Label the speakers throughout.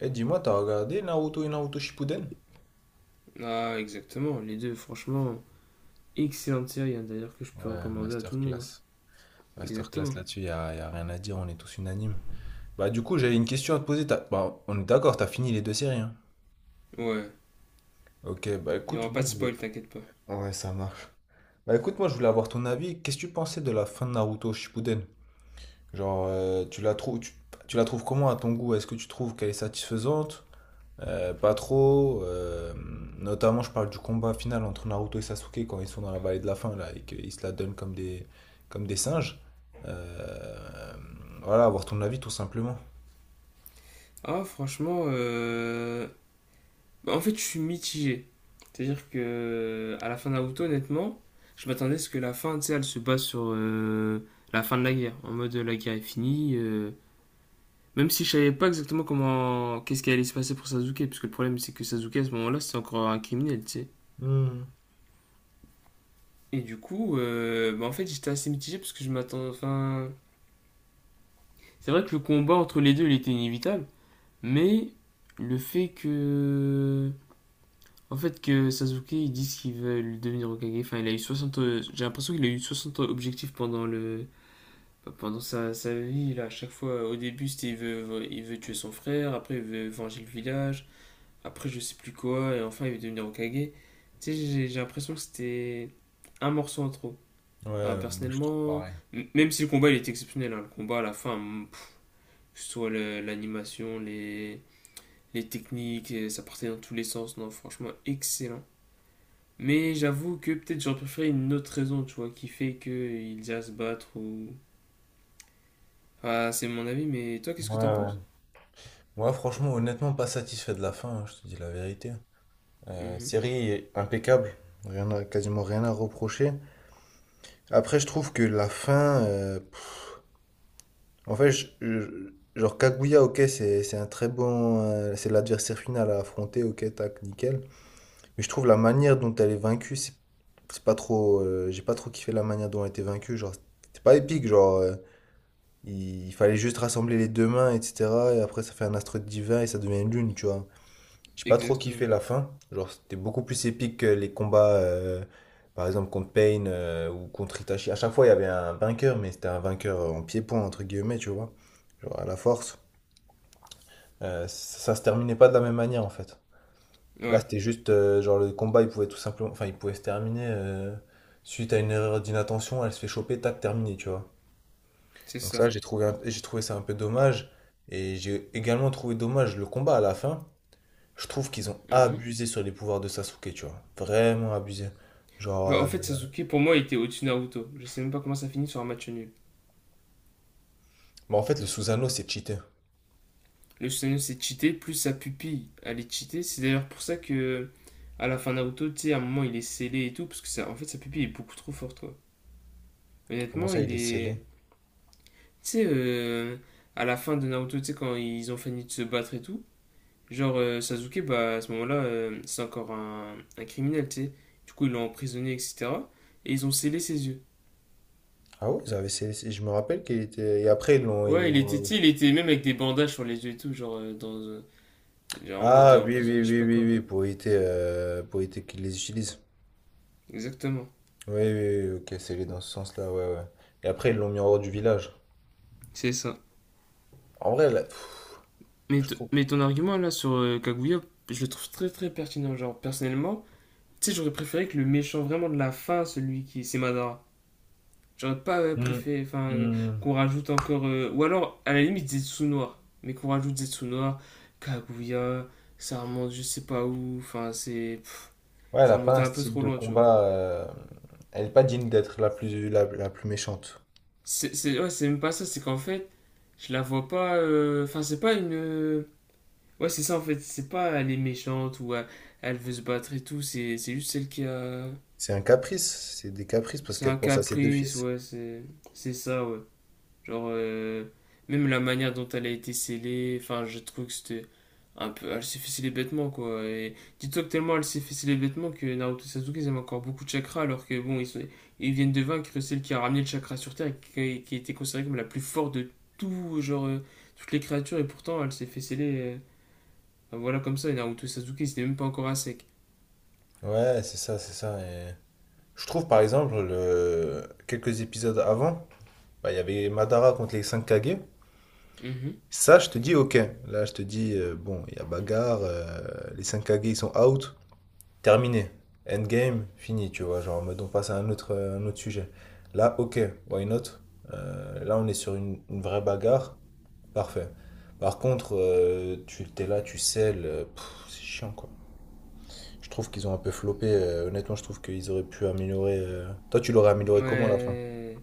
Speaker 1: Eh, dis-moi, t'as regardé Naruto et Naruto Shippuden?
Speaker 2: Ah, exactement, les deux, franchement, excellente série, hein, d'ailleurs, que je peux
Speaker 1: Ouais,
Speaker 2: recommander à tout le monde, hein.
Speaker 1: masterclass. Masterclass
Speaker 2: Exactement.
Speaker 1: là-dessus, y a rien à dire, on est tous unanimes. J'avais une question à te poser. Bah, on est d'accord, t'as fini les deux séries, hein.
Speaker 2: Ouais,
Speaker 1: Ok, bah
Speaker 2: il n'y
Speaker 1: écoute,
Speaker 2: aura
Speaker 1: moi
Speaker 2: pas de
Speaker 1: je voulais.
Speaker 2: spoil, t'inquiète pas.
Speaker 1: Ouais, ça marche. Bah écoute, moi je voulais avoir ton avis. Qu'est-ce que tu pensais de la fin de Naruto Shippuden? Tu la trouves, tu la trouves comment à ton goût? Est-ce que tu trouves qu'elle est satisfaisante? Pas trop. Notamment, je parle du combat final entre Naruto et Sasuke quand ils sont dans la vallée de la fin là, et qu'ils se la donnent comme des singes. Euh, voilà, avoir ton avis tout simplement.
Speaker 2: Ah, franchement, bah, en fait, je suis mitigé. C'est-à-dire que, à la fin de Naruto, honnêtement, je m'attendais à ce que la fin, tu sais, elle se base sur la fin de la guerre. En mode, la guerre est finie. Même si je savais pas exactement comment. Qu'est-ce qui allait se passer pour Sasuke, parce que le problème, c'est que Sasuke, à ce moment-là, c'est encore un criminel, tu sais.
Speaker 1: Hmm.
Speaker 2: Et du coup, bah, en fait, j'étais assez mitigé parce que je m'attends. Enfin, c'est vrai que le combat entre les deux, il était inévitable, mais le fait que. En fait, que Sasuke, ils disent qu'ils veulent devenir Hokage. Enfin, il a eu 60 J'ai l'impression qu'il a eu 60 objectifs pendant le. Bah, Pendant sa vie, là, à chaque fois, au début, c'était il veut tuer son frère, après, il veut venger le village, après, je sais plus quoi, et enfin, il veut devenir Hokage. Tu sais, j'ai l'impression que c'était un morceau en trop. Enfin,
Speaker 1: Ouais, moi, je trouve
Speaker 2: personnellement,
Speaker 1: pareil.
Speaker 2: même si le combat il est exceptionnel, hein, le combat à la fin, mm, pff, que ce soit l'animation, les techniques, et ça partait dans tous les sens, non, franchement, excellent. Mais j'avoue que peut-être j'aurais préféré une autre raison, tu vois, qui fait qu'ils aient à se battre ou. Ah, c'est mon avis, mais toi, qu'est-ce
Speaker 1: Ouais,
Speaker 2: que t'en
Speaker 1: ouais.
Speaker 2: penses?
Speaker 1: Moi, franchement, honnêtement, pas satisfait de la fin, hein, je te dis la vérité.
Speaker 2: Mhm.
Speaker 1: Série impeccable, rien à- quasiment rien à reprocher. Après, je trouve que la fin, en fait, genre Kaguya, ok, c'est un très bon. C'est l'adversaire final à affronter, ok, tac, nickel. Mais je trouve la manière dont elle est vaincue, c'est pas trop. J'ai pas trop kiffé la manière dont elle était vaincue. Genre, c'est pas épique, genre. Il fallait juste rassembler les deux mains, etc. Et après, ça fait un astre divin et ça devient une lune, tu vois. J'ai pas trop kiffé
Speaker 2: Exactement.
Speaker 1: la fin. Genre, c'était beaucoup plus épique que les combats, par exemple, contre Pain ou contre Itachi. À chaque fois, il y avait un vainqueur, mais c'était un vainqueur en pied-point, entre guillemets, tu vois. Genre, à la force. Ça, ça se terminait pas de la même manière, en fait. Là,
Speaker 2: Ouais,
Speaker 1: c'était juste, genre, le combat, il pouvait tout simplement. Enfin, il pouvait se terminer suite à une erreur d'inattention, elle se fait choper, tac, terminé, tu vois.
Speaker 2: c'est
Speaker 1: Donc,
Speaker 2: ça.
Speaker 1: ça, j'ai trouvé ça un peu dommage. Et j'ai également trouvé dommage le combat à la fin. Je trouve qu'ils ont
Speaker 2: Mhm.
Speaker 1: abusé sur les pouvoirs de Sasuke, tu vois. Vraiment abusé. Genre.
Speaker 2: Bah, en fait, Sasuke, pour moi, il était au-dessus de Naruto. Je sais même pas comment ça finit sur un match nul.
Speaker 1: Bah, en fait, le Susanoo, c'est cheaté.
Speaker 2: Le Susanoo s'est cheaté, plus sa pupille, elle est cheatée. C'est d'ailleurs pour ça que à la fin de Naruto, tu sais, à un moment il est scellé et tout, parce que ça, en fait sa pupille est beaucoup trop forte, quoi.
Speaker 1: Comment
Speaker 2: Honnêtement,
Speaker 1: ça,
Speaker 2: il
Speaker 1: il est scellé?
Speaker 2: est. Tu sais, à la fin de Naruto, tu sais, quand ils ont fini de se battre et tout, Sasuke, bah à ce moment-là, c'est encore un criminel, tu sais. Du coup, ils l'ont emprisonné, etc. Et ils ont scellé ses yeux.
Speaker 1: Ah oui, ils avaient scellé. Je me rappelle qu'il était. Et après,
Speaker 2: Ouais, il était, tu
Speaker 1: oui.
Speaker 2: sais, il était même avec des bandages sur les yeux et tout, dans, genre en mode
Speaker 1: Ah oui, oui,
Speaker 2: emprisonné, je sais
Speaker 1: oui,
Speaker 2: pas
Speaker 1: oui,
Speaker 2: quoi.
Speaker 1: oui, pour éviter qu'ils les utilisent.
Speaker 2: Exactement.
Speaker 1: Oui, oui, oui, ok, scellé dans ce sens-là, ouais, ouais. Et après, ils l'ont mis en hors du village.
Speaker 2: C'est ça.
Speaker 1: En vrai, là, pff,
Speaker 2: Mais,
Speaker 1: je trouve.
Speaker 2: mais ton argument là sur Kaguya, je le trouve très très pertinent. Genre, personnellement, tu sais, j'aurais préféré que le méchant vraiment de la fin, celui qui. C'est Madara. J'aurais pas
Speaker 1: Hmm,
Speaker 2: préféré enfin,
Speaker 1: hmm.
Speaker 2: qu'on rajoute encore ou alors, à la limite, Zetsu Noir. Mais qu'on rajoute Zetsu Noir, Kaguya, ça remonte je sais pas où. Enfin, c'est. Pff,
Speaker 1: Ouais, elle
Speaker 2: Ça
Speaker 1: a pas
Speaker 2: remontait
Speaker 1: un
Speaker 2: un peu
Speaker 1: style
Speaker 2: trop
Speaker 1: de
Speaker 2: loin, tu vois.
Speaker 1: combat. Elle est pas digne d'être la plus, la plus méchante.
Speaker 2: Ouais, c'est même pas ça, c'est qu'en fait, je la vois pas. Enfin, c'est pas une. Ouais, c'est ça en fait, c'est pas elle est méchante ou elle, elle veut se battre et tout, c'est juste celle qui a.
Speaker 1: C'est un caprice, c'est des caprices parce
Speaker 2: C'est
Speaker 1: qu'elle
Speaker 2: un
Speaker 1: pense à ses deux
Speaker 2: caprice,
Speaker 1: fils.
Speaker 2: ouais, c'est ça, ouais. Genre, même la manière dont elle a été scellée, enfin, je trouve que c'était un peu. Elle s'est fait sceller bêtement, quoi. Et dis-toi que tellement elle s'est fait sceller bêtement que Naruto et Sasuke, ils avaient encore beaucoup de chakra, alors que bon, ils viennent de vaincre celle qui a ramené le chakra sur Terre et qui était considérée comme la plus forte de tout, toutes les créatures, et pourtant elle s'est fait sceller. Voilà, comme ça, Naruto Sasuke, c'était même pas encore à sec.
Speaker 1: Ouais, c'est ça, c'est ça. Et je trouve par exemple, le... quelques épisodes avant, bah, il y avait Madara contre les 5 Kage.
Speaker 2: Mhm.
Speaker 1: Ça, je te dis ok. Là, je te dis, bon, il y a bagarre, les 5 Kage ils sont out, terminé. Endgame, fini, tu vois. Genre, en mode, on passe à un autre sujet. Là, ok, why not? Là, on est sur une vraie bagarre, parfait. Par contre, tu t'es là, tu selles, pff, c'est chiant quoi. Je trouve qu'ils ont un peu floppé. Honnêtement, je trouve qu'ils auraient pu améliorer. Toi, tu l'aurais amélioré comment à la fin?
Speaker 2: Ouais.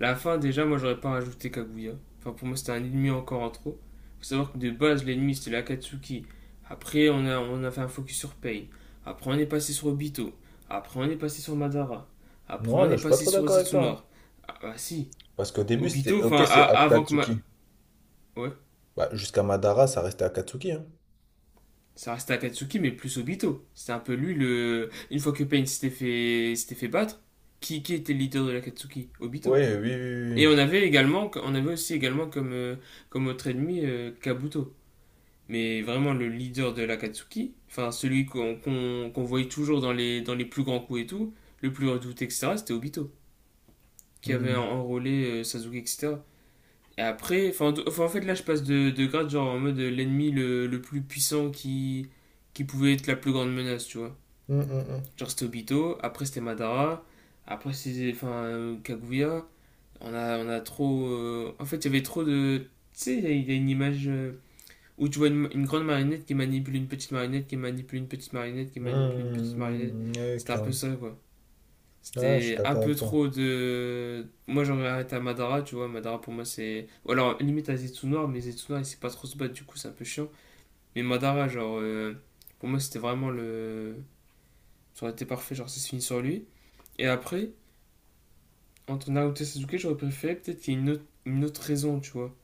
Speaker 2: La fin, déjà, moi, j'aurais pas rajouté Kaguya. Enfin, pour moi, c'était un ennemi encore en trop. Faut savoir que de base, l'ennemi, c'était l'Akatsuki. Après, on a fait un focus sur Pain. Après, on est passé sur Obito. Après, on est passé sur Madara. Après,
Speaker 1: Moi,
Speaker 2: on
Speaker 1: là,
Speaker 2: est
Speaker 1: je suis pas
Speaker 2: passé
Speaker 1: trop
Speaker 2: sur
Speaker 1: d'accord avec
Speaker 2: Zetsu
Speaker 1: toi, hein.
Speaker 2: Noir. Ah, bah si.
Speaker 1: Parce qu'au début, c'était
Speaker 2: Obito,
Speaker 1: OK,
Speaker 2: enfin,
Speaker 1: c'est
Speaker 2: avant que ma...
Speaker 1: Akatsuki.
Speaker 2: Ouais.
Speaker 1: Bah, jusqu'à Madara, ça restait Akatsuki. Hein.
Speaker 2: Ça restait Akatsuki, mais plus Obito. C'était un peu lui, le... Une fois que Pain s'était fait battre, qui était le leader de l'Akatsuki
Speaker 1: Oui,
Speaker 2: Obito.
Speaker 1: oui, oui,
Speaker 2: Et
Speaker 1: oui.
Speaker 2: on avait également, on avait aussi également comme, comme autre ennemi Kabuto. Mais vraiment le leader de l'Akatsuki, enfin celui qu'on voyait toujours dans dans les plus grands coups et tout, le plus redouté, etc., c'était Obito, qui avait
Speaker 1: Hmm.
Speaker 2: enrôlé Sasuke, etc. Et après, enfin, en fait là je passe de grade genre en mode l'ennemi le plus puissant qui pouvait être la plus grande menace, tu vois.
Speaker 1: Hmm, hmm,
Speaker 2: Genre c'était Obito, après c'était Madara, après c'était enfin, Kaguya. On a trop. En fait, il y avait trop de. Tu sais, il y a une image où tu vois une grande marionnette qui manipule une petite marionnette, qui manipule une petite marionnette, qui
Speaker 1: hmm.
Speaker 2: manipule une petite marionnette.
Speaker 1: Hmm, ouais,
Speaker 2: C'était un peu
Speaker 1: clairement.
Speaker 2: ça, quoi.
Speaker 1: Ouais, je suis
Speaker 2: C'était un
Speaker 1: d'accord
Speaker 2: peu
Speaker 1: avec toi.
Speaker 2: trop de. Moi, j'aurais arrêté à Madara, tu vois. Madara, pour moi, c'est. Ou alors, limite à Zetsu noir mais Zetsunoir, il sait pas trop se battre, du coup, c'est un peu chiant. Mais Madara, genre. Pour moi, c'était vraiment le. Ça aurait été parfait, genre, ça se finit sur lui. Et après, entre Naruto et Sasuke, j'aurais préféré peut-être qu'il y ait une une autre raison, tu vois.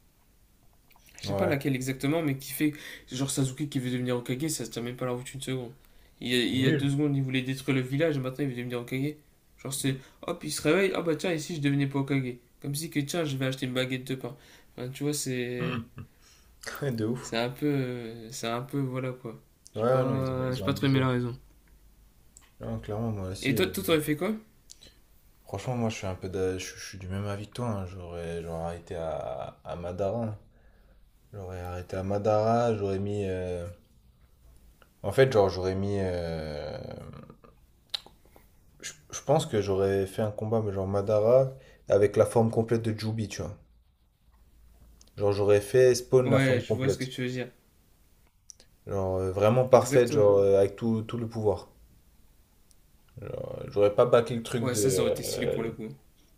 Speaker 2: Je sais pas
Speaker 1: Ouais,
Speaker 2: laquelle exactement, mais qui fait. Genre Sasuke qui veut devenir Hokage, ça se tient même pas la route une seconde.
Speaker 1: c'est
Speaker 2: Il y a deux
Speaker 1: nul.
Speaker 2: secondes, il voulait détruire le village et maintenant il veut devenir Hokage. Genre c'est. Hop, il se réveille, ah bah tiens, ici je devenais pas Hokage. Comme si que tiens, je vais acheter une baguette de pain. Enfin, tu vois, c'est.
Speaker 1: Hmm. De ouf.
Speaker 2: C'est un peu. C'est un peu. Voilà quoi.
Speaker 1: Ouais,
Speaker 2: J'ai
Speaker 1: ouais, non,
Speaker 2: pas.
Speaker 1: ils
Speaker 2: J'ai
Speaker 1: ont
Speaker 2: pas trop aimé
Speaker 1: abusé.
Speaker 2: la raison.
Speaker 1: Non, clairement, moi
Speaker 2: Et
Speaker 1: aussi.
Speaker 2: toi, toi t'aurais fait quoi?
Speaker 1: Franchement, moi, je suis un peu d'a- je suis du même avis que toi, hein. J'aurais, j'aurais arrêté à Madara, hein. J'aurais arrêté à Madara. J'aurais mis. En fait, genre, j'aurais mis. Je pense que j'aurais fait un combat, mais genre Madara avec la forme complète de Jubi, tu vois. Genre, j'aurais fait Spawn la
Speaker 2: Ouais,
Speaker 1: forme
Speaker 2: je vois ce que
Speaker 1: complète.
Speaker 2: tu veux dire.
Speaker 1: Genre, vraiment parfaite,
Speaker 2: Exactement.
Speaker 1: genre, avec tout, tout le pouvoir. Genre, j'aurais pas bâclé le truc
Speaker 2: Ouais,
Speaker 1: de.
Speaker 2: ça aurait été stylé pour le coup.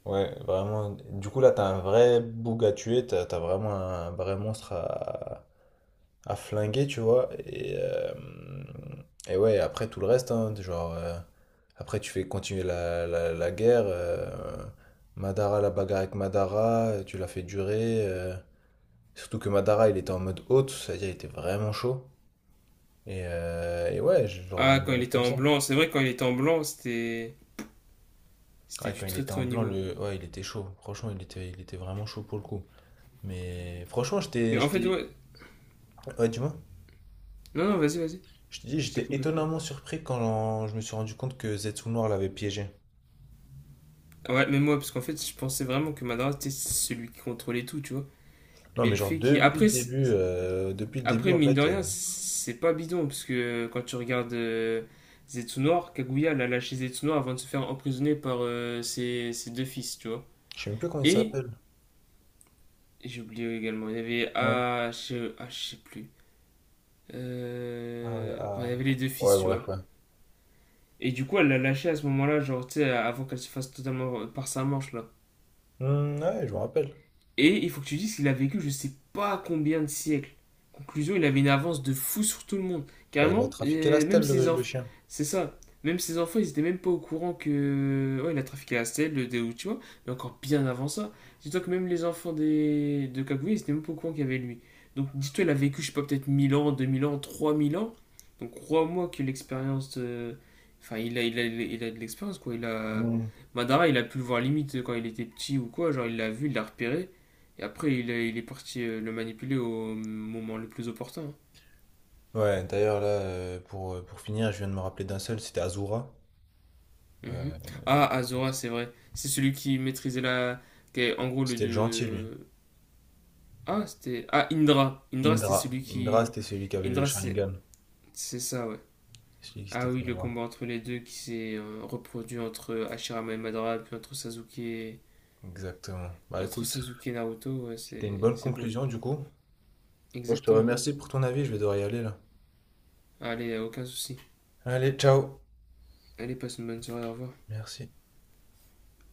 Speaker 1: Ouais, vraiment. Du coup, là, t'as un vrai boug à tuer. T'as, t'as vraiment un vrai monstre à flinguer, tu vois. Et ouais, après tout le reste, hein, genre, après tu fais continuer la guerre. Madara, la bagarre avec Madara, tu l'as fait durer. Surtout que Madara, il était en mode haute, c'est-à-dire il était vraiment chaud. Et ouais, je l'aurais
Speaker 2: Ah, quand il
Speaker 1: amélioré
Speaker 2: était
Speaker 1: comme
Speaker 2: en
Speaker 1: ça.
Speaker 2: blanc, c'est vrai, quand il était en blanc, c'était. C'était
Speaker 1: Ouais, quand
Speaker 2: du
Speaker 1: il
Speaker 2: très
Speaker 1: était
Speaker 2: très
Speaker 1: en
Speaker 2: haut
Speaker 1: blanc,
Speaker 2: niveau.
Speaker 1: le... ouais, il était chaud. Franchement, il était vraiment chaud pour le coup. Mais franchement, j'étais,
Speaker 2: Et en fait,
Speaker 1: j'étais...
Speaker 2: ouais.
Speaker 1: Ouais, dis-moi.
Speaker 2: Non, non, vas-y, vas-y,
Speaker 1: Je te dis,
Speaker 2: je t'ai
Speaker 1: j'étais
Speaker 2: coupé.
Speaker 1: étonnamment surpris quand je me suis rendu compte que Zetsu Noir l'avait piégé.
Speaker 2: Ah ouais, mais moi, parce qu'en fait, je pensais vraiment que Madara, c'était celui qui contrôlait tout, tu vois.
Speaker 1: Non,
Speaker 2: Mais
Speaker 1: mais
Speaker 2: le
Speaker 1: genre
Speaker 2: fait qu'il. Après,
Speaker 1: depuis le début
Speaker 2: après,
Speaker 1: en
Speaker 2: mine de
Speaker 1: fait,
Speaker 2: rien, c'est pas bidon, parce que quand tu regardes Zetsunor, Kaguya l'a lâché Zetsunor avant de se faire emprisonner par ses deux fils, tu vois.
Speaker 1: je sais même plus comment il
Speaker 2: Et,
Speaker 1: s'appelle.
Speaker 2: j'ai oublié également, il y avait.
Speaker 1: Ouais.
Speaker 2: Ah, je sais plus.
Speaker 1: Ah ouais,
Speaker 2: Enfin, il
Speaker 1: ah.
Speaker 2: y avait les deux fils,
Speaker 1: Ouais,
Speaker 2: tu
Speaker 1: bref,
Speaker 2: vois.
Speaker 1: ouais.
Speaker 2: Et du coup, elle l'a lâché à ce moment-là, genre, tu sais, avant qu'elle se fasse totalement par sa manche, là.
Speaker 1: Hmm, ouais, je me rappelle.
Speaker 2: Et il faut que tu dises qu'il a vécu je sais pas combien de siècles. Conclusion, il avait une avance de fou sur tout le monde.
Speaker 1: Bah, il a
Speaker 2: Carrément,
Speaker 1: trafiqué la stèle,
Speaker 2: même ses
Speaker 1: le
Speaker 2: enfants.
Speaker 1: chien.
Speaker 2: C'est ça. Même ses enfants, ils étaient même pas au courant que. Ouais, il a trafiqué la stèle, le déo, tu vois. Mais encore bien avant ça. Dis-toi que même les enfants des... de Kaguya, ils étaient même pas au courant qu'il y avait lui. Donc dis-toi, il a vécu, je sais pas, peut-être 1000 ans, 2000 ans, 3000 ans. Donc crois-moi que enfin, il a de l'expérience, quoi. Il a.
Speaker 1: Hmm.
Speaker 2: Madara, il a pu le voir limite quand il était petit ou quoi. Genre, il l'a vu, il l'a repéré. Et après, il est parti le manipuler au moment le plus opportun, hein.
Speaker 1: Ouais, d'ailleurs, là, pour finir, je viens de me rappeler d'un seul, c'était Azura.
Speaker 2: Mhm.
Speaker 1: Euh,
Speaker 2: Ah, Azora, c'est vrai. C'est celui qui maîtrisait la. Qui est, en gros,
Speaker 1: C'était le gentil, lui.
Speaker 2: ah, c'était. Ah, Indra. Indra, c'était
Speaker 1: Indra.
Speaker 2: celui
Speaker 1: Indra,
Speaker 2: qui.
Speaker 1: c'était celui qui avait le
Speaker 2: Indra,
Speaker 1: Sharingan.
Speaker 2: c'est ça, ouais.
Speaker 1: Celui qui
Speaker 2: Ah
Speaker 1: s'était
Speaker 2: oui,
Speaker 1: fait
Speaker 2: le
Speaker 1: avoir.
Speaker 2: combat entre les deux qui s'est reproduit entre Hashirama et Madara, puis
Speaker 1: Exactement. Bah,
Speaker 2: entre
Speaker 1: écoute,
Speaker 2: Sasuke et Naruto, ouais,
Speaker 1: c'était une bonne
Speaker 2: c'est beau.
Speaker 1: conclusion, du coup. Moi, je te
Speaker 2: Exactement.
Speaker 1: remercie pour ton avis, je vais devoir y aller, là.
Speaker 2: Allez, aucun souci.
Speaker 1: Allez, ciao.
Speaker 2: Allez, passe une bonne soirée, au revoir.
Speaker 1: Merci.